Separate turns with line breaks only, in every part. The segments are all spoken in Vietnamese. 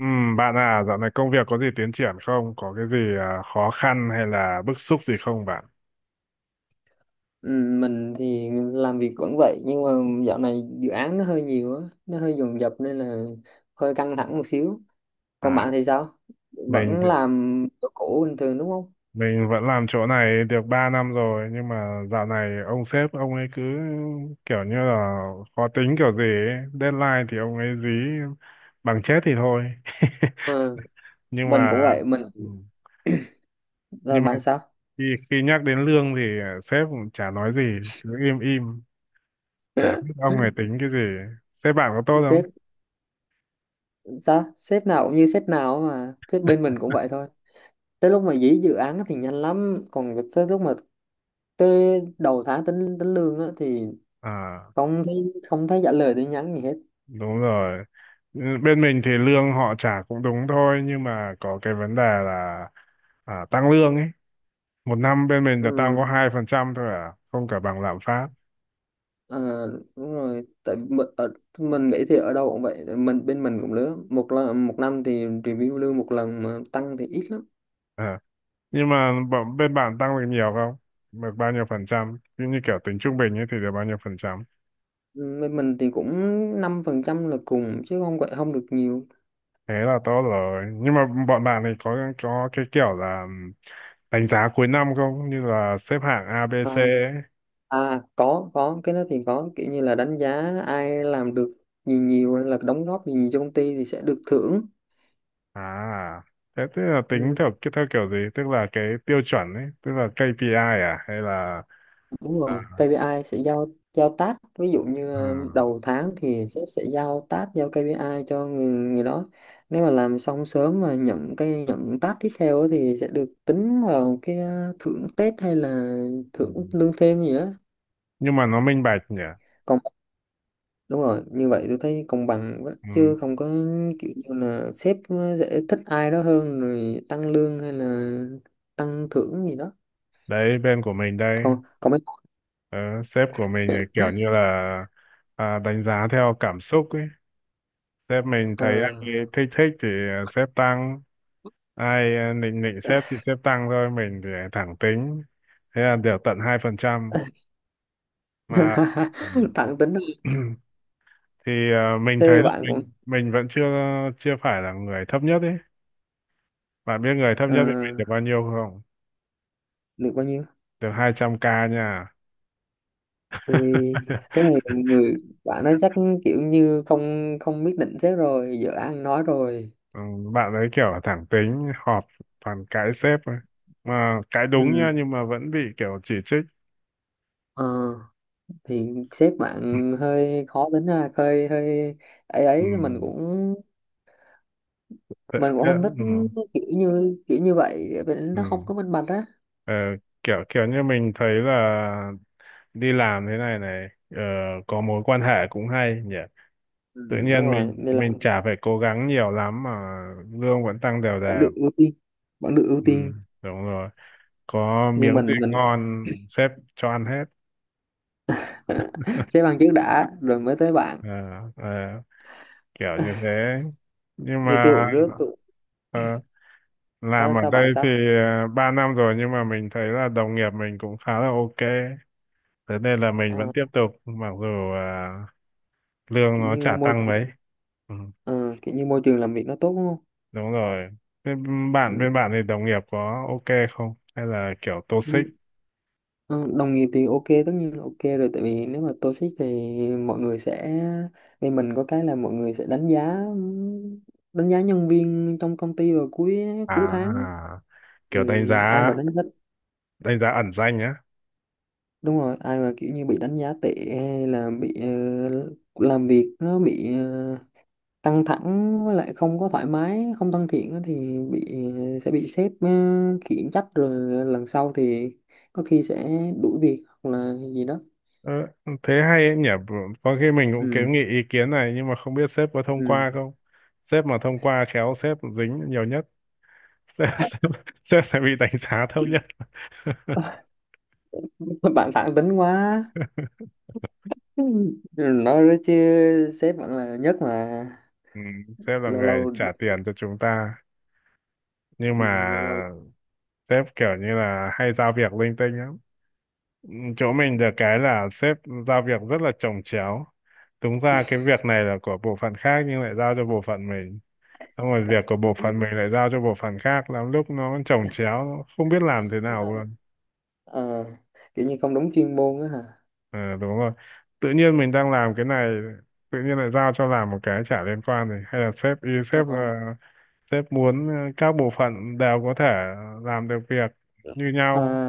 Ừ, bạn à, dạo này công việc có gì tiến triển không? Có cái gì khó khăn hay là bức xúc gì không bạn?
Ừ, mình thì làm việc vẫn vậy nhưng mà dạo này dự án nó hơi nhiều á, nó hơi dồn dập nên là hơi căng thẳng một xíu. Còn
À,
bạn thì sao,
mình
vẫn
thì-
làm chỗ cũ bình thường đúng không?
mình vẫn làm chỗ này được 3 năm rồi nhưng mà dạo này ông sếp ông ấy cứ kiểu như là khó tính kiểu gì ấy. Deadline thì ông ấy dí bằng chết thì thôi.
Ừ,
Nhưng
mình
mà
cũng vậy. Mình
ừ,
là
nhưng mà
bạn sao?
khi, khi nhắc đến lương thì sếp cũng chả nói gì, cứ im im, chả biết ông ấy tính cái gì. Sếp bạn có tốt không?
Sếp, sao sếp nào cũng như sếp nào, mà sếp bên mình cũng vậy thôi. Tới lúc mà dí dự án thì nhanh lắm, còn tới lúc mà tới đầu tháng tính tính lương á thì
À,
không thấy trả lời tin nhắn gì hết.
đúng rồi. Ừ, bên mình thì lương họ trả cũng đúng thôi, nhưng mà có cái vấn đề là tăng lương ấy. Một năm bên mình là tăng
Ừ.
có 2% thôi, à không, cả bằng lạm phát.
À, đúng rồi tại mình nghĩ thì ở đâu cũng vậy, tại mình bên mình cũng lứa một lần, một năm thì review lương một lần mà tăng thì ít lắm.
Ờ. Nhưng mà bên bạn tăng được nhiều không? Được bao nhiêu phần trăm, như kiểu tính trung bình ấy, thì được bao nhiêu phần trăm?
Ừ, bên mình thì cũng 5% là cùng chứ không gọi không được nhiều.
Thế là tốt rồi, nhưng mà bọn bạn này có cái kiểu là đánh giá cuối năm không, như là xếp hạng A B
À,
C ấy?
à có cái đó thì có, kiểu như là đánh giá ai làm được gì nhiều hay là đóng góp gì nhiều cho công ty thì sẽ được thưởng.
À, thế tức là tính
Ừ,
theo kiểu gì? Tức là cái tiêu chuẩn ấy, tức là KPI à, hay là
đúng
à,
rồi, KPI sẽ giao, giao task. Ví dụ như
à,
đầu tháng thì sếp sẽ giao task, giao KPI cho người đó. Nếu mà làm xong sớm mà nhận task tiếp theo á thì sẽ được tính vào cái thưởng Tết hay là
ừ.
thưởng lương thêm gì đó.
Nhưng mà nó minh bạch nhỉ?
Còn đúng rồi, như vậy tôi thấy công bằng quá,
Ừ.
chứ không có kiểu như là sếp sẽ thích ai đó hơn rồi tăng lương hay là tăng thưởng gì đó.
Đấy, bên của mình đây,
Còn còn mấy
ờ, sếp của mình thì kiểu như là đánh giá theo cảm xúc ấy. Sếp mình
ờ,
thấy ai thích thích thì sếp tăng, ai nịnh nịnh sếp thì sếp tăng thôi, mình thì thẳng tính. Thế là được tận 2% mà.
tặng tính,
Ừ. Mình
thế
thấy là
bạn cũng
mình vẫn chưa chưa phải là người thấp nhất ấy. Bạn biết người thấp
ờ,
nhất với mình được bao nhiêu không?
được bao nhiêu?
Được 200k nha.
Ui, thế này người bạn ấy chắc kiểu như không không biết định sếp rồi giờ ăn nói rồi.
Ừ, bạn ấy kiểu thẳng tính, họp toàn cãi sếp thôi, mà cãi đúng
ừ
nha, nhưng mà vẫn bị kiểu chỉ trích.
ờ, thì sếp bạn hơi khó tính ha, hơi hơi ấy ấy mình
Ừ,
cũng
thế,
mình cũng
thế,
không thích
ừ,
kiểu như vậy, vì
ừ.
nó không có minh bạch á.
Ờ, kiểu kiểu như mình thấy là đi làm thế này này ờ, có mối quan hệ cũng hay nhỉ, tự
Ừ, đúng
nhiên mình
rồi nên là
mình chả phải cố gắng nhiều lắm mà lương vẫn tăng đều
vẫn
đều.
được ưu tiên, vẫn được ưu
Ừ,
tiên
đúng rồi, có
Nhưng
miếng gì
mình
ngon sếp cho ăn hết.
sếp bạn trước đã rồi mới tới bạn.
Ờ, ờ, kiểu như thế. Nhưng
Như
mà
tôi cũng rước tôi.
ờ, làm
À,
ở
sao bạn
đây thì
sao?
3 năm rồi, nhưng mà mình thấy là đồng nghiệp mình cũng khá là ok, thế nên là mình vẫn
Ờ,
tiếp tục mặc dù ờ, lương
Kiểu
nó
như
chả
môi
tăng
trường,
mấy. Ừ,
ờ, kiểu như môi trường làm việc nó tốt đúng không?
đúng rồi. Thế bạn,
Ừ.
bên bạn thì đồng nghiệp có ok không hay là kiểu toxic?
Nhưng, đồng nghiệp thì ok, tất nhiên là ok rồi tại vì nếu mà toxic thì mọi người sẽ, vì mình có cái là mọi người sẽ đánh giá nhân viên trong công ty vào cuối cuối tháng á.
À, kiểu
Thì
đánh
ai
giá
mà đánh giá,
đánh giá ẩn danh á?
đúng rồi ai mà kiểu như bị đánh giá tệ hay là bị làm việc nó bị căng thẳng, với lại không có thoải mái, không thân thiện á thì bị, sẽ bị sếp khiển trách rồi lần sau thì có khi sẽ đuổi việc hoặc là gì đó.
Ờ, thế hay ấy nhỉ, có khi mình cũng
Ừ,
kiến nghị ý kiến này, nhưng mà không biết sếp có thông qua
ừ.
không. Sếp mà thông qua khéo sếp dính nhiều nhất. sếp, sếp, sếp sẽ bị đánh giá thấp nhất.
Bạn thẳng tính quá. Ừ, nói đó chứ sếp vẫn là nhất mà.
Ừ, sếp là
Lâu
người
lâu,
trả tiền cho chúng ta,
ừ,
nhưng mà
lâu lâu.
sếp kiểu như là hay giao việc linh tinh lắm. Ừ, chỗ mình được cái là sếp giao việc rất là chồng chéo. Đúng ra cái việc này là của bộ phận khác nhưng lại giao cho bộ phận mình, xong rồi việc của bộ phận mình lại giao cho bộ phận khác, lắm lúc nó chồng chéo, nó không biết làm thế nào luôn.
Ờ, kiểu như không đúng chuyên môn á hả?
Ờ, đúng rồi, tự nhiên mình đang làm cái này, tự nhiên lại giao cho làm một cái chả liên quan này. Hay là sếp ý
Ờ,
sếp là sếp muốn các bộ phận đều có thể làm được việc như
ờ,
nhau,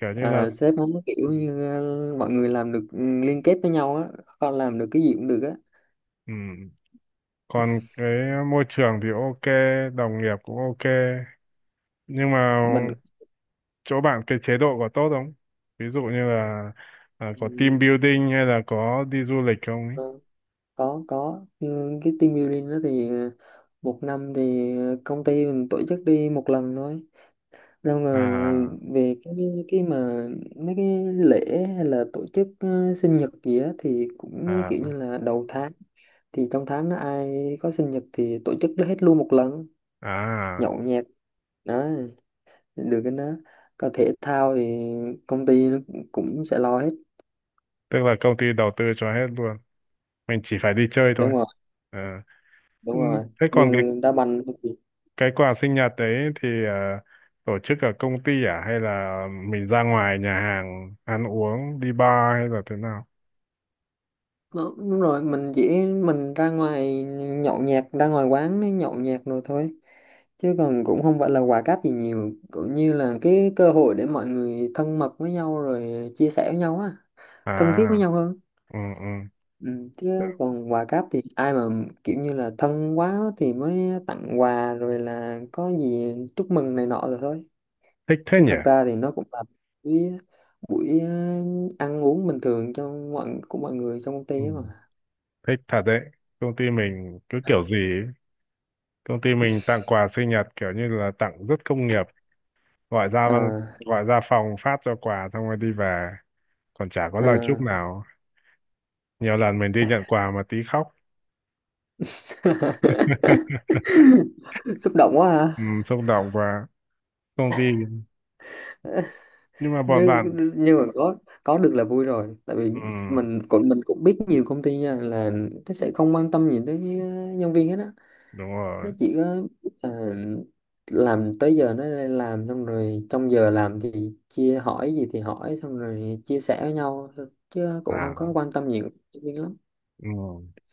kiểu như là,
Sếp muốn kiểu như mọi người làm được, liên kết với nhau á, con làm được cái gì cũng được á.
ừ. Còn cái môi trường thì ok, đồng nghiệp cũng ok, nhưng mà
Mình,
chỗ bạn cái chế độ có tốt không? Ví dụ như là có
ừ,
team building hay là có đi du lịch không ấy?
có, có nhưng cái team building đó thì một năm thì công ty mình tổ chức đi một lần thôi. Xong rồi
à
về cái mà mấy cái lễ hay là tổ chức sinh nhật gì á thì cũng kiểu như
à
là đầu tháng thì trong tháng đó ai có sinh nhật thì tổ chức hết luôn một lần,
à
nhậu nhẹt đó, được cái đó. Còn thể thao thì công ty nó cũng cũng sẽ lo hết.
Tức là công ty đầu tư cho hết luôn, mình chỉ phải đi chơi thôi
Đúng rồi,
à.
đúng
Ừ,
rồi,
thế còn cái
như đá banh.
cái quà sinh nhật đấy thì tổ chức ở công ty à, hay là mình ra ngoài nhà hàng ăn uống, đi bar, hay là thế nào?
Đó, đúng rồi, mình chỉ ra ngoài nhậu nhẹt, ra ngoài quán mới nhậu nhẹt rồi thôi, chứ còn cũng không phải là quà cáp gì nhiều, cũng như là cái cơ hội để mọi người thân mật với nhau rồi chia sẻ với nhau á, thân thiết với
À,
nhau hơn.
ừ, ừ.
Ừ. Chứ còn quà cáp thì ai mà kiểu như là thân quá thì mới tặng quà rồi là có gì chúc mừng này nọ rồi thôi.
Thích thế
Chứ
nhỉ.
thật ra thì nó cũng là buổi, buổi ăn uống bình thường cho mọi của mọi người trong công ty
Ừ,
ấy mà.
thích thật đấy. Công ty mình cứ kiểu gì ấy. Công ty mình tặng quà sinh nhật kiểu như là tặng rất công nghiệp, gọi ra văn-
Ờ,
gọi ra phòng phát cho quà xong rồi đi về, còn chả có lời
ờ.
chúc nào. Nhiều lần mình đi nhận quà mà tí khóc.
Xúc động quá ha.
Ừ, xúc động và công ty, nhưng mà bọn
nhưng
bạn,
nhưng mà có được là vui rồi, tại vì
ừ,
mình cũng biết nhiều công ty nha là nó sẽ không quan tâm gì tới nhân viên hết á.
đúng
Nó
rồi.
chỉ có ờ, làm tới giờ nó lên làm, xong rồi trong giờ làm thì chia hỏi gì thì hỏi xong rồi chia sẻ với nhau thôi. Chứ cũng không có
À,
quan tâm nhiều tới nhân viên lắm.
ừ.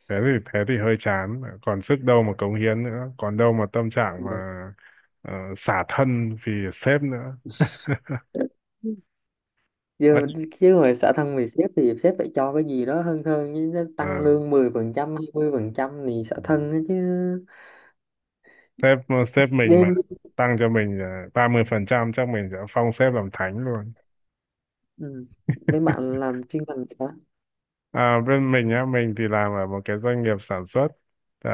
Thế thì, thế thì hơi chán, còn sức đâu mà cống hiến nữa, còn đâu mà tâm trạng mà xả thân vì sếp nữa.
Ừ.
Ấy,
Chứ, chứ hồi xã thân vì sếp thì sếp phải cho cái gì đó hơn hơn chứ, nó
ờ,
tăng lương 10%, 20% thì xã
ừ.
thân á chứ.
sếp sếp mình mà
Nên,
tăng cho mình 30% chắc mình sẽ phong sếp làm thánh luôn.
ừ. Mấy bạn làm chuyên ngành hả?
À, bên mình á, mình thì làm ở một cái doanh nghiệp sản xuất à,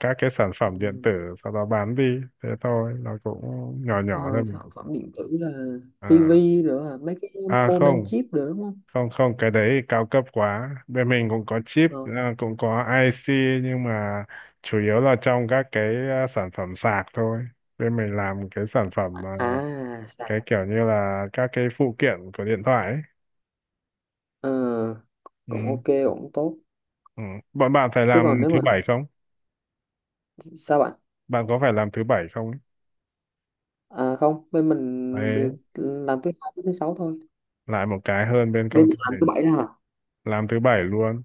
các cái sản
Ừ.
phẩm điện tử, sau đó bán đi. Thế thôi, nó cũng nhỏ nhỏ thôi
Ờ,
mà.
sản phẩm điện tử là
à,
tivi rồi à, mấy cái moment
không,
chip rồi đúng không?
không, không, cái đấy thì cao cấp quá. Bên mình cũng có chip,
Ờ.
cũng có IC, nhưng mà chủ yếu là trong các cái sản phẩm sạc thôi. Bên mình làm cái sản phẩm,
À sạc.
cái kiểu như là các cái phụ kiện của điện thoại ấy.
Ờ,
Ừ.
cũng ok cũng tốt.
Ừ. Bọn bạn phải
Chứ
làm
còn nếu
thứ
mà,
bảy không?
sao bạn?
Bạn có phải làm thứ bảy không ấy?
À, không, bên mình
Đấy,
được làm thứ hai tới thứ sáu thôi.
lại một cái hơn bên
Bên
công ty
mình làm thứ
mình.
bảy đó hả?
Làm thứ bảy luôn,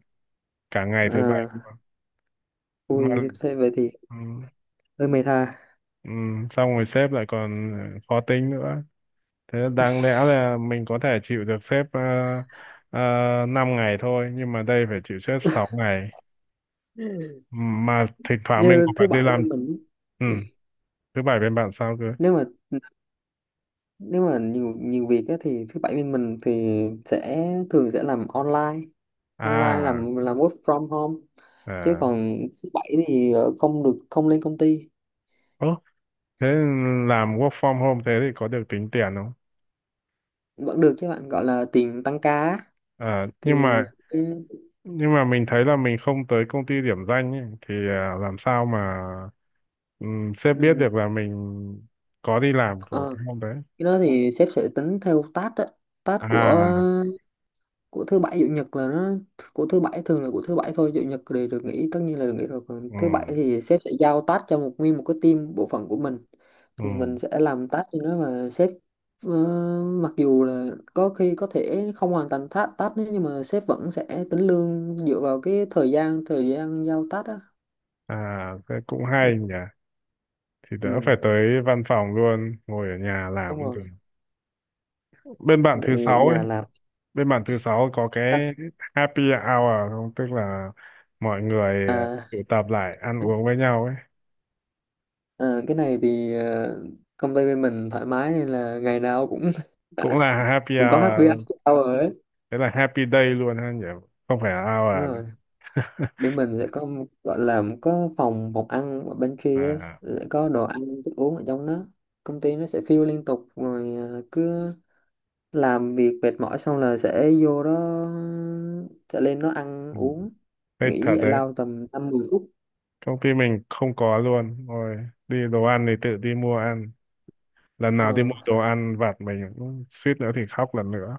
cả ngày thứ bảy
À,
luôn. Mà
ui thế vậy thì
ừ.
hơi mệt ha.
Ừ. Xong rồi sếp lại còn khó tính nữa. Thế đáng lẽ là mình có thể chịu được sếp ờ, ngày thôi, nhưng mà đây phải chịu sếp 6 ngày. Mà thỉnh thoảng mình
Như
cũng phải
thứ
đi
bảy
làm.
bên mình,
Ừ. Thứ bảy bên bạn sao cơ?
nếu mà, nếu mà nhiều nhiều việc á, thì thứ bảy bên mình thì sẽ thường sẽ làm online, online
À,
làm work from home. Chứ
à.
còn thứ bảy thì không được, không lên công ty.
Ơ, thế làm work from home thế thì có được tính tiền không?
Vẫn được chứ bạn, gọi là tiền tăng ca á.
à, nhưng
Thì,
mà
ừ,
nhưng mà mình thấy là mình không tới công ty điểm danh ấy, thì làm sao mà sếp biết
ừ,
được là mình có đi làm của
ờ,
cái hôm đấy?
cái đó thì sếp sẽ tính theo task á, task của
À,
của thứ bảy chủ nhật là nó, của thứ bảy thường là của thứ bảy thôi, chủ nhật thì được nghỉ, tất nhiên là được nghỉ rồi, còn
ừ,
thứ bảy thì sếp sẽ giao task cho một nguyên một cái team bộ phận của mình,
ừ.
thì mình sẽ làm task cho nó và sếp ờ, mặc dù là có khi có thể không hoàn thành task task đấy nhưng mà sếp vẫn sẽ tính lương dựa vào cái thời gian giao task á.
À thế cũng
Ừ,
hay nhỉ, thì đỡ phải
ừ,
tới văn phòng luôn, ngồi ở nhà làm
đúng
cũng
rồi
được. bên bạn
tại
thứ
vì ở
sáu ấy
nhà làm.
bên bạn thứ sáu có cái happy hour không, tức là mọi người
À,
tụ tập lại ăn uống với nhau ấy?
à, cái này thì công ty bên mình thoải mái nên là ngày nào cũng
Cũng là happy hour
cũng có happy
à,
hour ấy.
thế là happy day luôn ha nhỉ, không phải là
Đúng
hour nữa.
rồi, bên mình sẽ có một- gọi là có phòng phòng ăn ở pantry á,
À,
sẽ có đồ ăn thức uống ở trong đó, công ty nó sẽ fill liên tục rồi à, cứ làm việc mệt mỏi xong là sẽ vô đó, sẽ lên đó ăn
ừ.
uống,
Thế thật
nghỉ giải
đấy,
lao tầm 5-10 phút.
công ty mình không có luôn rồi, đi đồ ăn thì tự đi mua ăn. Lần
Ờ,
nào đi mua đồ ăn vặt mình cũng suýt nữa thì khóc lần nữa.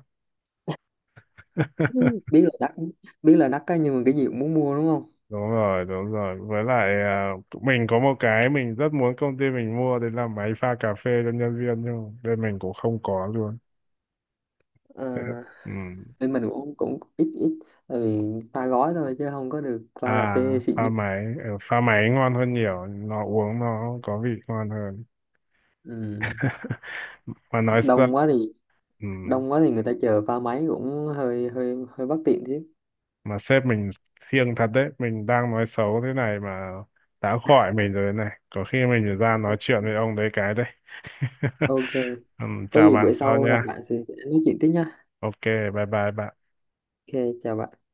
biết là đắt, biết là đắt á, nhưng mà cái gì cũng muốn mua đúng không?
Đúng rồi, đúng rồi, với lại tụi mình có một cái mình rất muốn công ty mình mua đấy là máy pha cà phê cho nhân viên, nhưng mà bên mình cũng không có luôn.
Ờ,
Thế, ừ.
bên mình cũng cũng ít ít tại vì pha gói thôi chứ không có được pha
À,
cà phê xịn nhất.
pha máy ngon hơn nhiều, nó uống nó có vị ngon hơn.
Ừ.
Mà nói ra,
đông quá thì
ừ,
đông quá thì người ta chờ pha máy cũng hơi hơi hơi bất tiện chứ.
mà sếp mình siêng thật đấy, mình đang nói xấu thế này mà đã khỏi mình rồi này, có khi mình ra nói chuyện
Ok.
với ông đấy cái đấy.
Ok,
Ừ,
có
chào
gì
bạn
bữa
sau
sau gặp
nha,
bạn thì sẽ nói chuyện tiếp nha.
ok, bye bye bạn.
Ok chào bạn.